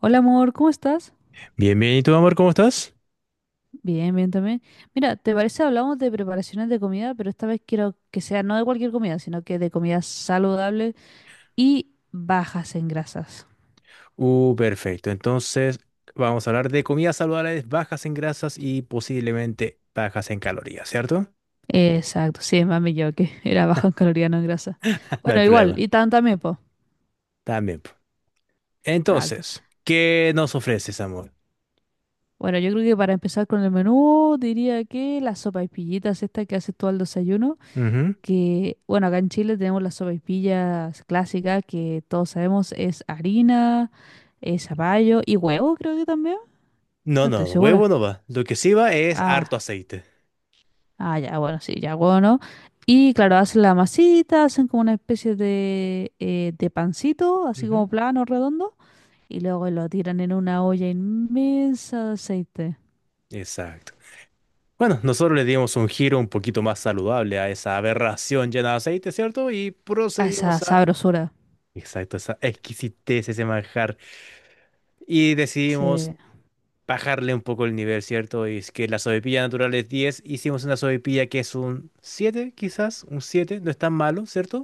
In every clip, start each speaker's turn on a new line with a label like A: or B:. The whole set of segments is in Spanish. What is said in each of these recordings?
A: Hola amor, ¿cómo estás?
B: Bien, bien. ¿Y tú, amor, cómo estás?
A: Bien, bien también. Mira, ¿te parece hablamos de preparaciones de comida, pero esta vez quiero que sea no de cualquier comida, sino que de comida saludable y bajas en grasas?
B: Perfecto. Entonces, vamos a hablar de comidas saludables, bajas en grasas y posiblemente bajas en calorías, ¿cierto?
A: Exacto, sí, mami, yo que era bajo en calorías, no en grasa.
B: No hay
A: Bueno, igual,
B: problema.
A: y tan también, po.
B: También. Po.
A: Exacto.
B: Entonces, ¿qué nos ofreces, amor?
A: Bueno, yo creo que para empezar con el menú, diría que las sopaipillitas estas que haces tú al desayuno.
B: Ujú.
A: Que, bueno, acá en Chile tenemos las sopaipillas clásicas que todos sabemos es harina, es zapallo y huevo, creo que también.
B: No,
A: No
B: no,
A: estoy
B: huevo
A: segura.
B: no va. Lo que sí va es harto
A: Ah,
B: aceite.
A: ah, ya, bueno, sí, ya huevo, ¿no? Y claro, hacen la masita, hacen como una especie de pancito, así
B: Ujú.
A: como plano, redondo, y luego lo tiran en una olla inmensa de aceite.
B: Exacto. Bueno, nosotros le dimos un giro un poquito más saludable a esa aberración llena de aceite, ¿cierto? Y
A: A esa
B: procedimos a...
A: sabrosura.
B: Exacto, esa exquisitez, ese manjar. Y decidimos
A: Sí.
B: bajarle un poco el nivel, ¿cierto? Y es que la sobrepilla natural es 10, hicimos una sobrepilla que es un 7, quizás, un 7, no es tan malo, ¿cierto?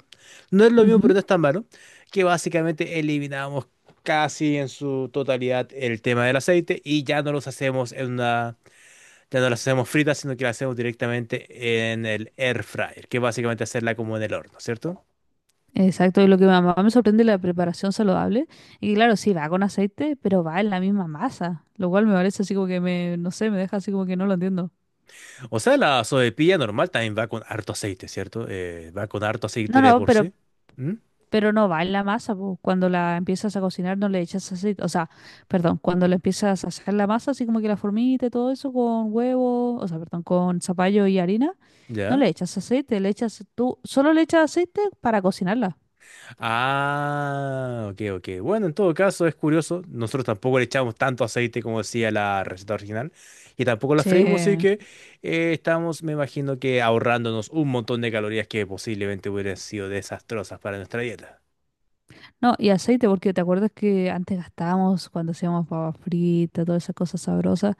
B: No es lo mismo, pero
A: Ujú.
B: no es tan malo, que básicamente eliminamos casi en su totalidad el tema del aceite y ya no los hacemos en una, ya no las hacemos fritas, sino que las hacemos directamente en el air fryer, que básicamente hacerla como en el horno, ¿cierto?
A: Exacto, y lo que mi mamá me sorprende es la preparación saludable. Y claro, sí, va con aceite, pero va en la misma masa, lo cual me parece así como que me, no sé, me deja así como que no lo entiendo.
B: O sea, la sobrepilla normal también va con harto aceite, ¿cierto? Va con harto
A: No,
B: aceite de
A: no,
B: por sí. ¿Mm?
A: pero no va en la masa, po. Cuando la empiezas a cocinar no le echas aceite, o sea, perdón, cuando le empiezas a hacer la masa, así como que la formita y todo eso con huevo, o sea, perdón, con zapallo y harina, no
B: ¿Ya?
A: le echas aceite, le echas tú, solo le echas aceite para cocinarla.
B: Ah, ok, ok. Bueno, en todo caso es curioso. Nosotros tampoco le echamos tanto aceite como decía la receta original y tampoco la freímos, así
A: Sí.
B: que estamos, me imagino que ahorrándonos un montón de calorías que posiblemente hubieran sido desastrosas para nuestra dieta.
A: No, y aceite, porque te acuerdas que antes gastábamos cuando hacíamos papa frita, todas esas cosas sabrosas.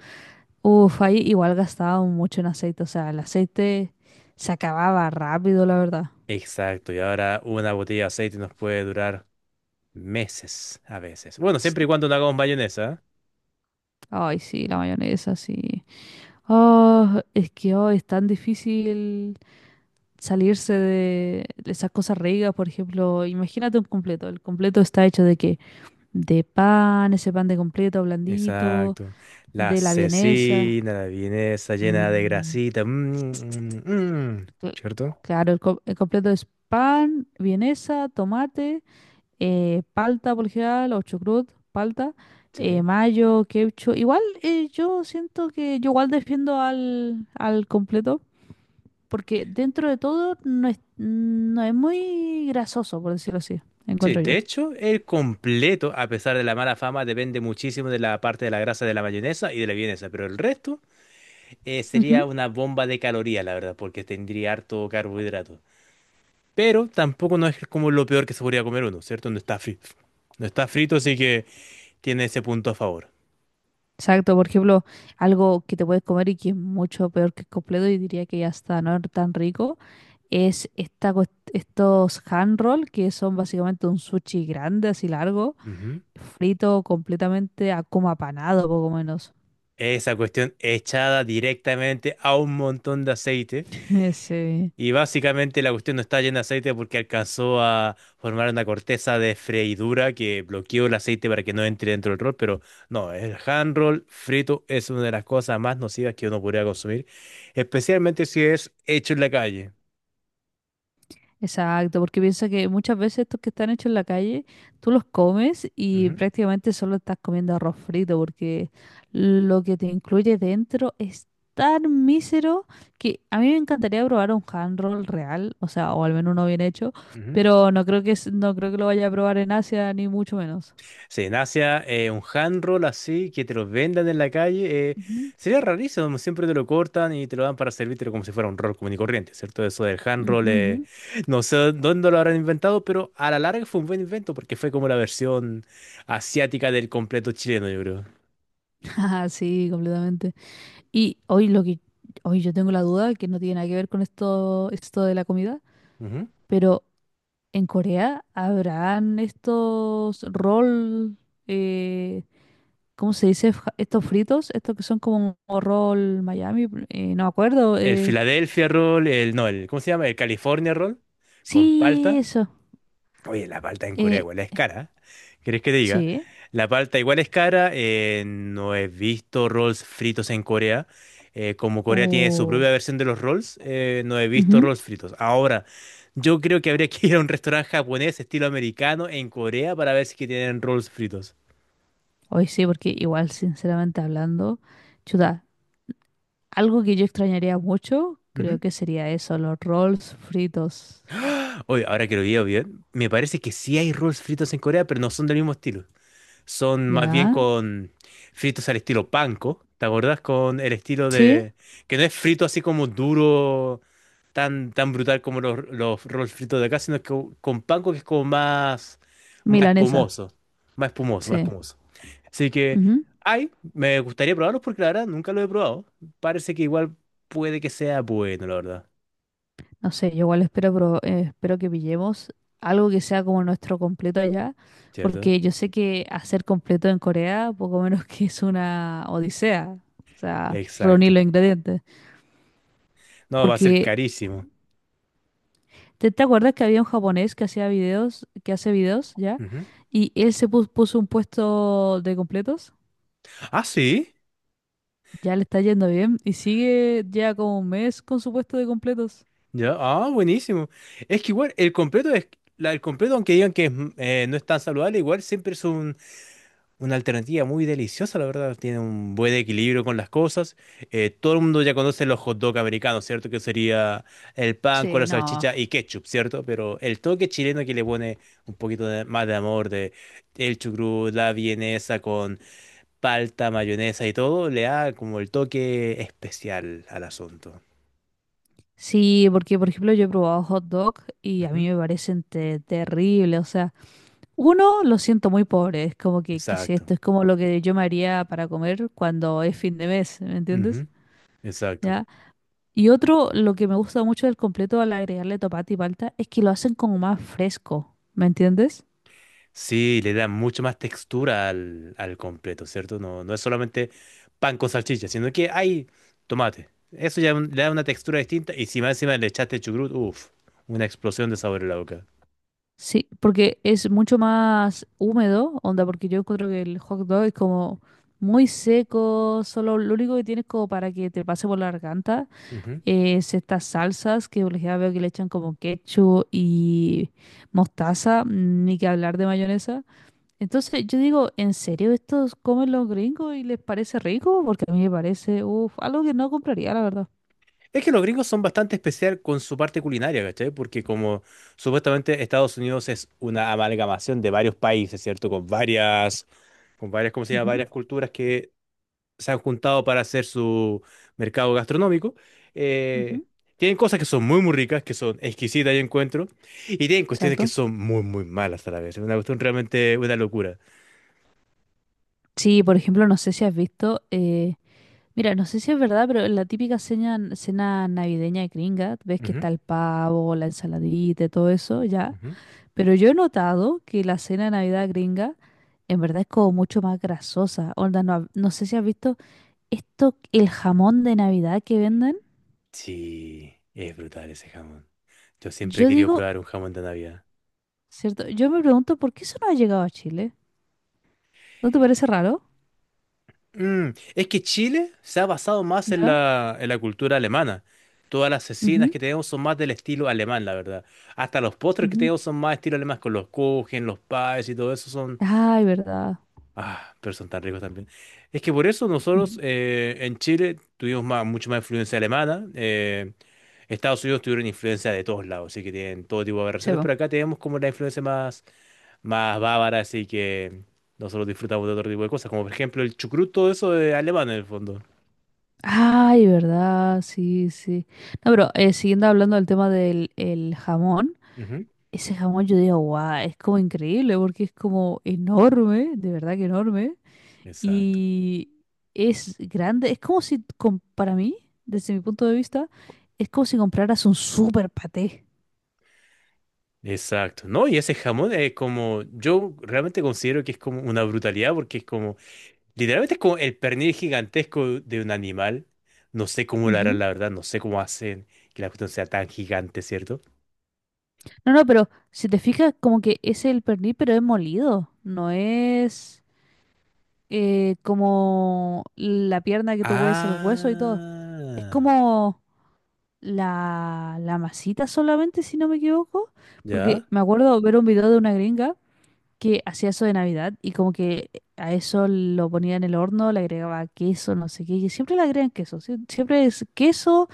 A: Uf, ahí igual gastábamos mucho en aceite, o sea, el aceite se acababa rápido, la verdad.
B: Exacto, y ahora una botella de aceite nos puede durar meses a veces. Bueno,
A: Ch-
B: siempre y cuando no hagamos mayonesa. ¿Eh?
A: Ay, sí, la mayonesa, sí. Oh, es que hoy es tan difícil salirse de esas cosas ricas, por ejemplo, imagínate un completo. ¿El completo está hecho de qué? De pan, ese pan de completo blandito,
B: Exacto. La
A: de la vienesa.
B: cecina, la vienesa llena de
A: Mm.
B: grasita.
A: Cl-
B: ¿Cierto?
A: Claro, el completo es pan, vienesa, tomate, palta por lo general, o chucrut, palta, mayo, queucho. Igual yo siento que yo igual defiendo al completo, porque dentro de todo no es, no es muy grasoso, por decirlo así,
B: Sí,
A: encuentro
B: de
A: yo.
B: hecho, el completo, a pesar de la mala fama, depende muchísimo de la parte de la grasa de la mayonesa y de la vienesa, pero el resto sería
A: Ujú.
B: una bomba de calorías, la verdad, porque tendría harto carbohidrato. Pero tampoco no es como lo peor que se podría comer uno, ¿cierto? No está frito. No está frito, así que tiene ese punto a favor.
A: Exacto, por ejemplo, algo que te puedes comer y que es mucho peor que el completo y diría que ya está no es tan rico es estos hand roll, que son básicamente un sushi grande, así largo,
B: Ujú.
A: frito completamente a como apanado, poco menos.
B: Esa cuestión echada directamente a un montón de aceite.
A: Ese,
B: Y básicamente la cuestión no está llena de aceite porque alcanzó a formar una corteza de freidura que bloqueó el aceite para que no entre dentro del rol, pero no, el hand roll frito es una de las cosas más nocivas que uno podría consumir, especialmente si es hecho en la calle.
A: exacto, porque piensa que muchas veces estos que están hechos en la calle, tú los comes y
B: Ujú,
A: prácticamente solo estás comiendo arroz frito, porque lo que te incluye dentro es tan mísero que a mí me encantaría probar un hand roll real, o sea, o al menos uno bien hecho,
B: ujú.
A: pero no creo que, no creo que lo vaya a probar en Asia, ni mucho menos.
B: Sí, en Asia, un hand roll así, que te lo vendan en la calle,
A: Ujú.
B: sería rarísimo. Siempre te lo cortan y te lo dan para servírtelo como si fuera un roll común y corriente, ¿cierto? Eso del hand roll,
A: Ujú, ujú.
B: no sé dónde lo habrán inventado, pero a la larga fue un buen invento porque fue como la versión asiática del completo chileno, yo creo.
A: Ah, sí, completamente. Y hoy lo que hoy yo tengo la duda que no tiene nada que ver con esto de la comida,
B: Ujú.
A: pero en Corea habrán estos roll eh, ¿cómo se dice? Estos fritos, estos que son como roll Miami, no me acuerdo.
B: El Philadelphia roll, el, no, el, ¿cómo se llama? El California roll, con
A: Sí,
B: palta.
A: eso.
B: Oye, la palta en Corea
A: Eh,
B: igual es cara. ¿Querés que te diga?
A: sí.
B: La palta igual es cara. No he visto rolls fritos en Corea. Como Corea tiene su
A: O
B: propia versión de los rolls, no he visto
A: ujú.
B: rolls fritos. Ahora, yo creo que habría que ir a un restaurante japonés estilo americano en Corea para ver si que tienen rolls fritos.
A: Hoy sí, porque igual sinceramente hablando, chuta. Algo que yo extrañaría mucho, creo
B: Ujú.
A: que sería eso, los rolls fritos.
B: Oye, ahora que lo veo bien, me parece que sí hay rolls fritos en Corea, pero no son del mismo estilo. Son más bien
A: ¿Ya?
B: con fritos al estilo panko. ¿Te acordás? Con el estilo
A: Sí,
B: de... Que no es frito así como duro, tan, tan brutal como los rolls fritos de acá, sino que con panko que es como más, más
A: milanesa,
B: espumoso. Más espumoso, más
A: sí.
B: espumoso. Así que
A: Ujú.
B: ay, me gustaría probarlos porque la verdad nunca lo he probado. Parece que igual puede que sea bueno, la verdad.
A: No sé, yo igual espero, espero que pillemos algo que sea como nuestro completo allá,
B: ¿Cierto?
A: porque yo sé que hacer completo en Corea poco menos que es una odisea, o sea, reunir
B: Exacto.
A: los ingredientes.
B: No, va a ser
A: Porque,
B: carísimo.
A: ¿te, te acuerdas que había un japonés que hacía videos, que hace videos, ¿ya?
B: Ujú.
A: Y él puso un puesto de completos.
B: Ah, sí.
A: Ya le está yendo bien y sigue ya como un mes con su puesto de completos.
B: Ya, ah, buenísimo. Es que igual el completo es, el completo, aunque digan que es, no es tan saludable, igual siempre es una alternativa muy deliciosa, la verdad. Tiene un buen equilibrio con las cosas. Todo el mundo ya conoce los hot dog americanos, ¿cierto? Que sería el pan con
A: Sí,
B: la
A: no.
B: salchicha y ketchup, ¿cierto? Pero el toque chileno que le pone un poquito más de amor, de el chucrut, la vienesa con palta, mayonesa y todo, le da como el toque especial al asunto.
A: Sí, porque por ejemplo yo he probado hot dog y a
B: Ujú,
A: mí me parecen terribles. O sea, uno lo siento muy pobre. Es como que, ¿qué es
B: exacto.
A: esto? Es como lo que yo me haría para comer cuando es fin de mes, ¿me entiendes?
B: Exacto.
A: ¿Ya? Y otro, lo que me gusta mucho del completo al agregarle tomate y palta es que lo hacen como más fresco, ¿me entiendes?
B: Sí, le da mucho más textura al, al completo, ¿cierto? No, no es solamente pan con salchicha, sino que hay tomate. Eso ya le da una textura distinta y si más encima le echaste chucrut, uff, una explosión de sabor en la boca.
A: Sí, porque es mucho más húmedo, onda, porque yo encuentro que el hot dog es como muy seco, solo lo único que tienes como para que te pase por la garganta
B: Ujú.
A: es estas salsas que por ejemplo veo que le echan como ketchup y mostaza, ni que hablar de mayonesa. Entonces yo digo, ¿en serio estos comen los gringos y les parece rico? Porque a mí me parece, uf, algo que no compraría, la verdad.
B: Es que los gringos son bastante especial con su parte culinaria, ¿cachai? Porque como supuestamente Estados Unidos es una amalgamación de varios países, ¿cierto? Con varias, ¿cómo se llama?
A: Ujú,
B: Varias culturas que se han juntado para hacer su mercado gastronómico. Eh,
A: ujú,
B: Tienen cosas que son muy, muy ricas, que son exquisitas, yo encuentro, y tienen cuestiones que
A: exacto.
B: son muy, muy malas a la vez. Es una cuestión realmente una locura.
A: Sí, por ejemplo, no sé si has visto... mira, no sé si es verdad, pero en la típica cena, cena navideña de gringa, ves que
B: Ujú,
A: está el pavo, la ensaladita, y todo eso, ya.
B: ujú.
A: Pero yo he notado que la cena de Navidad gringa en verdad es como mucho más grasosa. Onda, no, no sé si has visto esto, el jamón de Navidad que venden.
B: Sí, es brutal ese jamón. Yo siempre he
A: Yo
B: querido
A: digo,
B: probar un jamón de Navidad.
A: ¿cierto? Yo me pregunto por qué eso no ha llegado a Chile. ¿No te parece raro?
B: Mm, es que Chile se ha basado más
A: Ya.
B: en la cultura alemana. Todas las cecinas
A: Ujú,
B: que tenemos son más del estilo alemán, la verdad. Hasta los postres que
A: ujú.
B: tenemos son más estilo alemán, con los kuchen, los pies y todo eso.
A: Ay, verdad.
B: Ah, pero son tan ricos también. Es que por eso nosotros
A: Ujú.
B: en Chile tuvimos más, mucho más influencia alemana. Estados Unidos tuvieron influencia de todos lados, así que tienen todo tipo de
A: Sí,
B: aberraciones,
A: po.
B: pero acá tenemos como la influencia más, más bávara, así que nosotros disfrutamos de otro tipo de cosas, como por ejemplo el chucrut, todo eso de alemán en el fondo.
A: Ay, verdad, sí, sí. No, pero siguiendo hablando del tema del el jamón,
B: Ujú.
A: ese jamón yo digo, guau, es como increíble porque es como enorme, de verdad que enorme,
B: Exacto.
A: y es grande, es como si, com- para mí, desde mi punto de vista, es como si compraras un super paté.
B: Exacto. No, y ese jamón es como, yo realmente considero que es como una brutalidad porque es como... Literalmente es como el pernil gigantesco de un animal. No sé cómo lo harán,
A: Ujú.
B: la verdad. No sé cómo hacen que la cuestión sea tan gigante, ¿cierto?
A: No, no, pero si te fijas, como que es el pernil, pero es molido, no es como la pierna que tú hueves el hueso y todo. Es
B: Ah,
A: como... la masita solamente, si no me equivoco, porque
B: ya.
A: me acuerdo ver un video de una gringa que hacía eso de Navidad y como que a eso lo ponía en el horno, le agregaba queso, no sé qué, y siempre le agregan queso, siempre es queso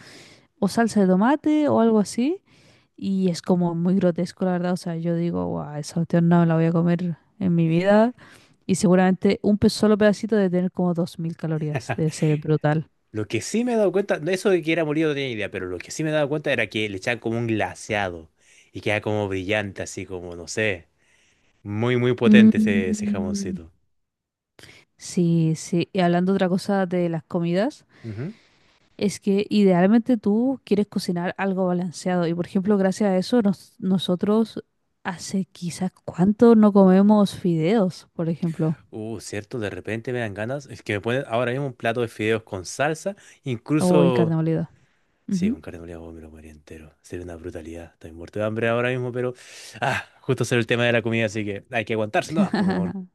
A: o salsa de tomate o algo así, y es como muy grotesco, la verdad, o sea, yo digo, guau, esa cuestión no me la voy a comer en mi vida, y seguramente un solo pedacito de tener como 2000 calorías, debe ser brutal.
B: Lo que sí me he dado cuenta, no, eso de que era molido no tenía idea, pero lo que sí me he dado cuenta era que le echaban como un glaseado y queda como brillante, así como, no sé, muy, muy potente ese, ese
A: Mm,
B: jamoncito.
A: sí, sí. Y hablando otra cosa de las comidas,
B: Ujú.
A: es que idealmente tú quieres cocinar algo balanceado. Y por ejemplo, gracias a eso, nosotros hace quizás cuánto no comemos fideos, por ejemplo.
B: Cierto, de repente me dan ganas, es que me ponen ahora mismo un plato de fideos con salsa,
A: O y carne
B: incluso
A: molida.
B: sí,
A: Ujú.
B: con carne molida, oh, me lo comería entero. Sería una brutalidad. Estoy muerto de hambre ahora mismo, pero. Ah, justo salió el tema de la comida, así que hay que aguantarse, ¿no? Pues, mi amor.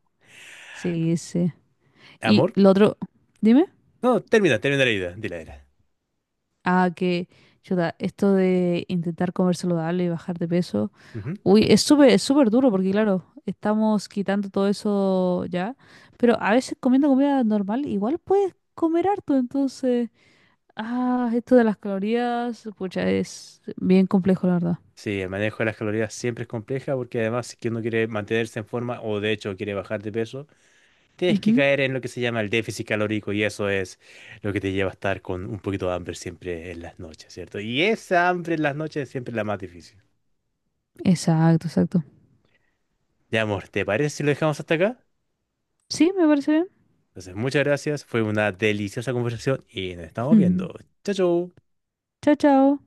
A: Sí, sí. Y
B: ¿Amor?
A: lo otro, dime.
B: No, termina, termina la idea. Dile, dile.
A: Ah, que, chuta, esto de intentar comer saludable y bajar de peso.
B: Ujú.
A: Uy, es súper duro porque, claro, estamos quitando todo eso ya. Pero a veces comiendo comida normal, igual puedes comer harto. Entonces, ah, esto de las calorías, pucha, es bien complejo, la verdad.
B: Sí, el manejo de las calorías siempre es compleja porque además, si es que uno quiere mantenerse en forma o de hecho quiere bajar de peso, tienes que
A: Ujú.
B: caer en lo que se llama el déficit calórico y eso es lo que te lleva a estar con un poquito de hambre siempre en las noches, ¿cierto? Y esa hambre en las noches es siempre la más difícil.
A: Exacto, exacto.
B: Ya, amor, ¿te parece si lo dejamos hasta acá?
A: Sí, me parece
B: Entonces, muchas gracias. Fue una deliciosa conversación y nos estamos
A: bien.
B: viendo. Chao, chao.
A: Chao, chao.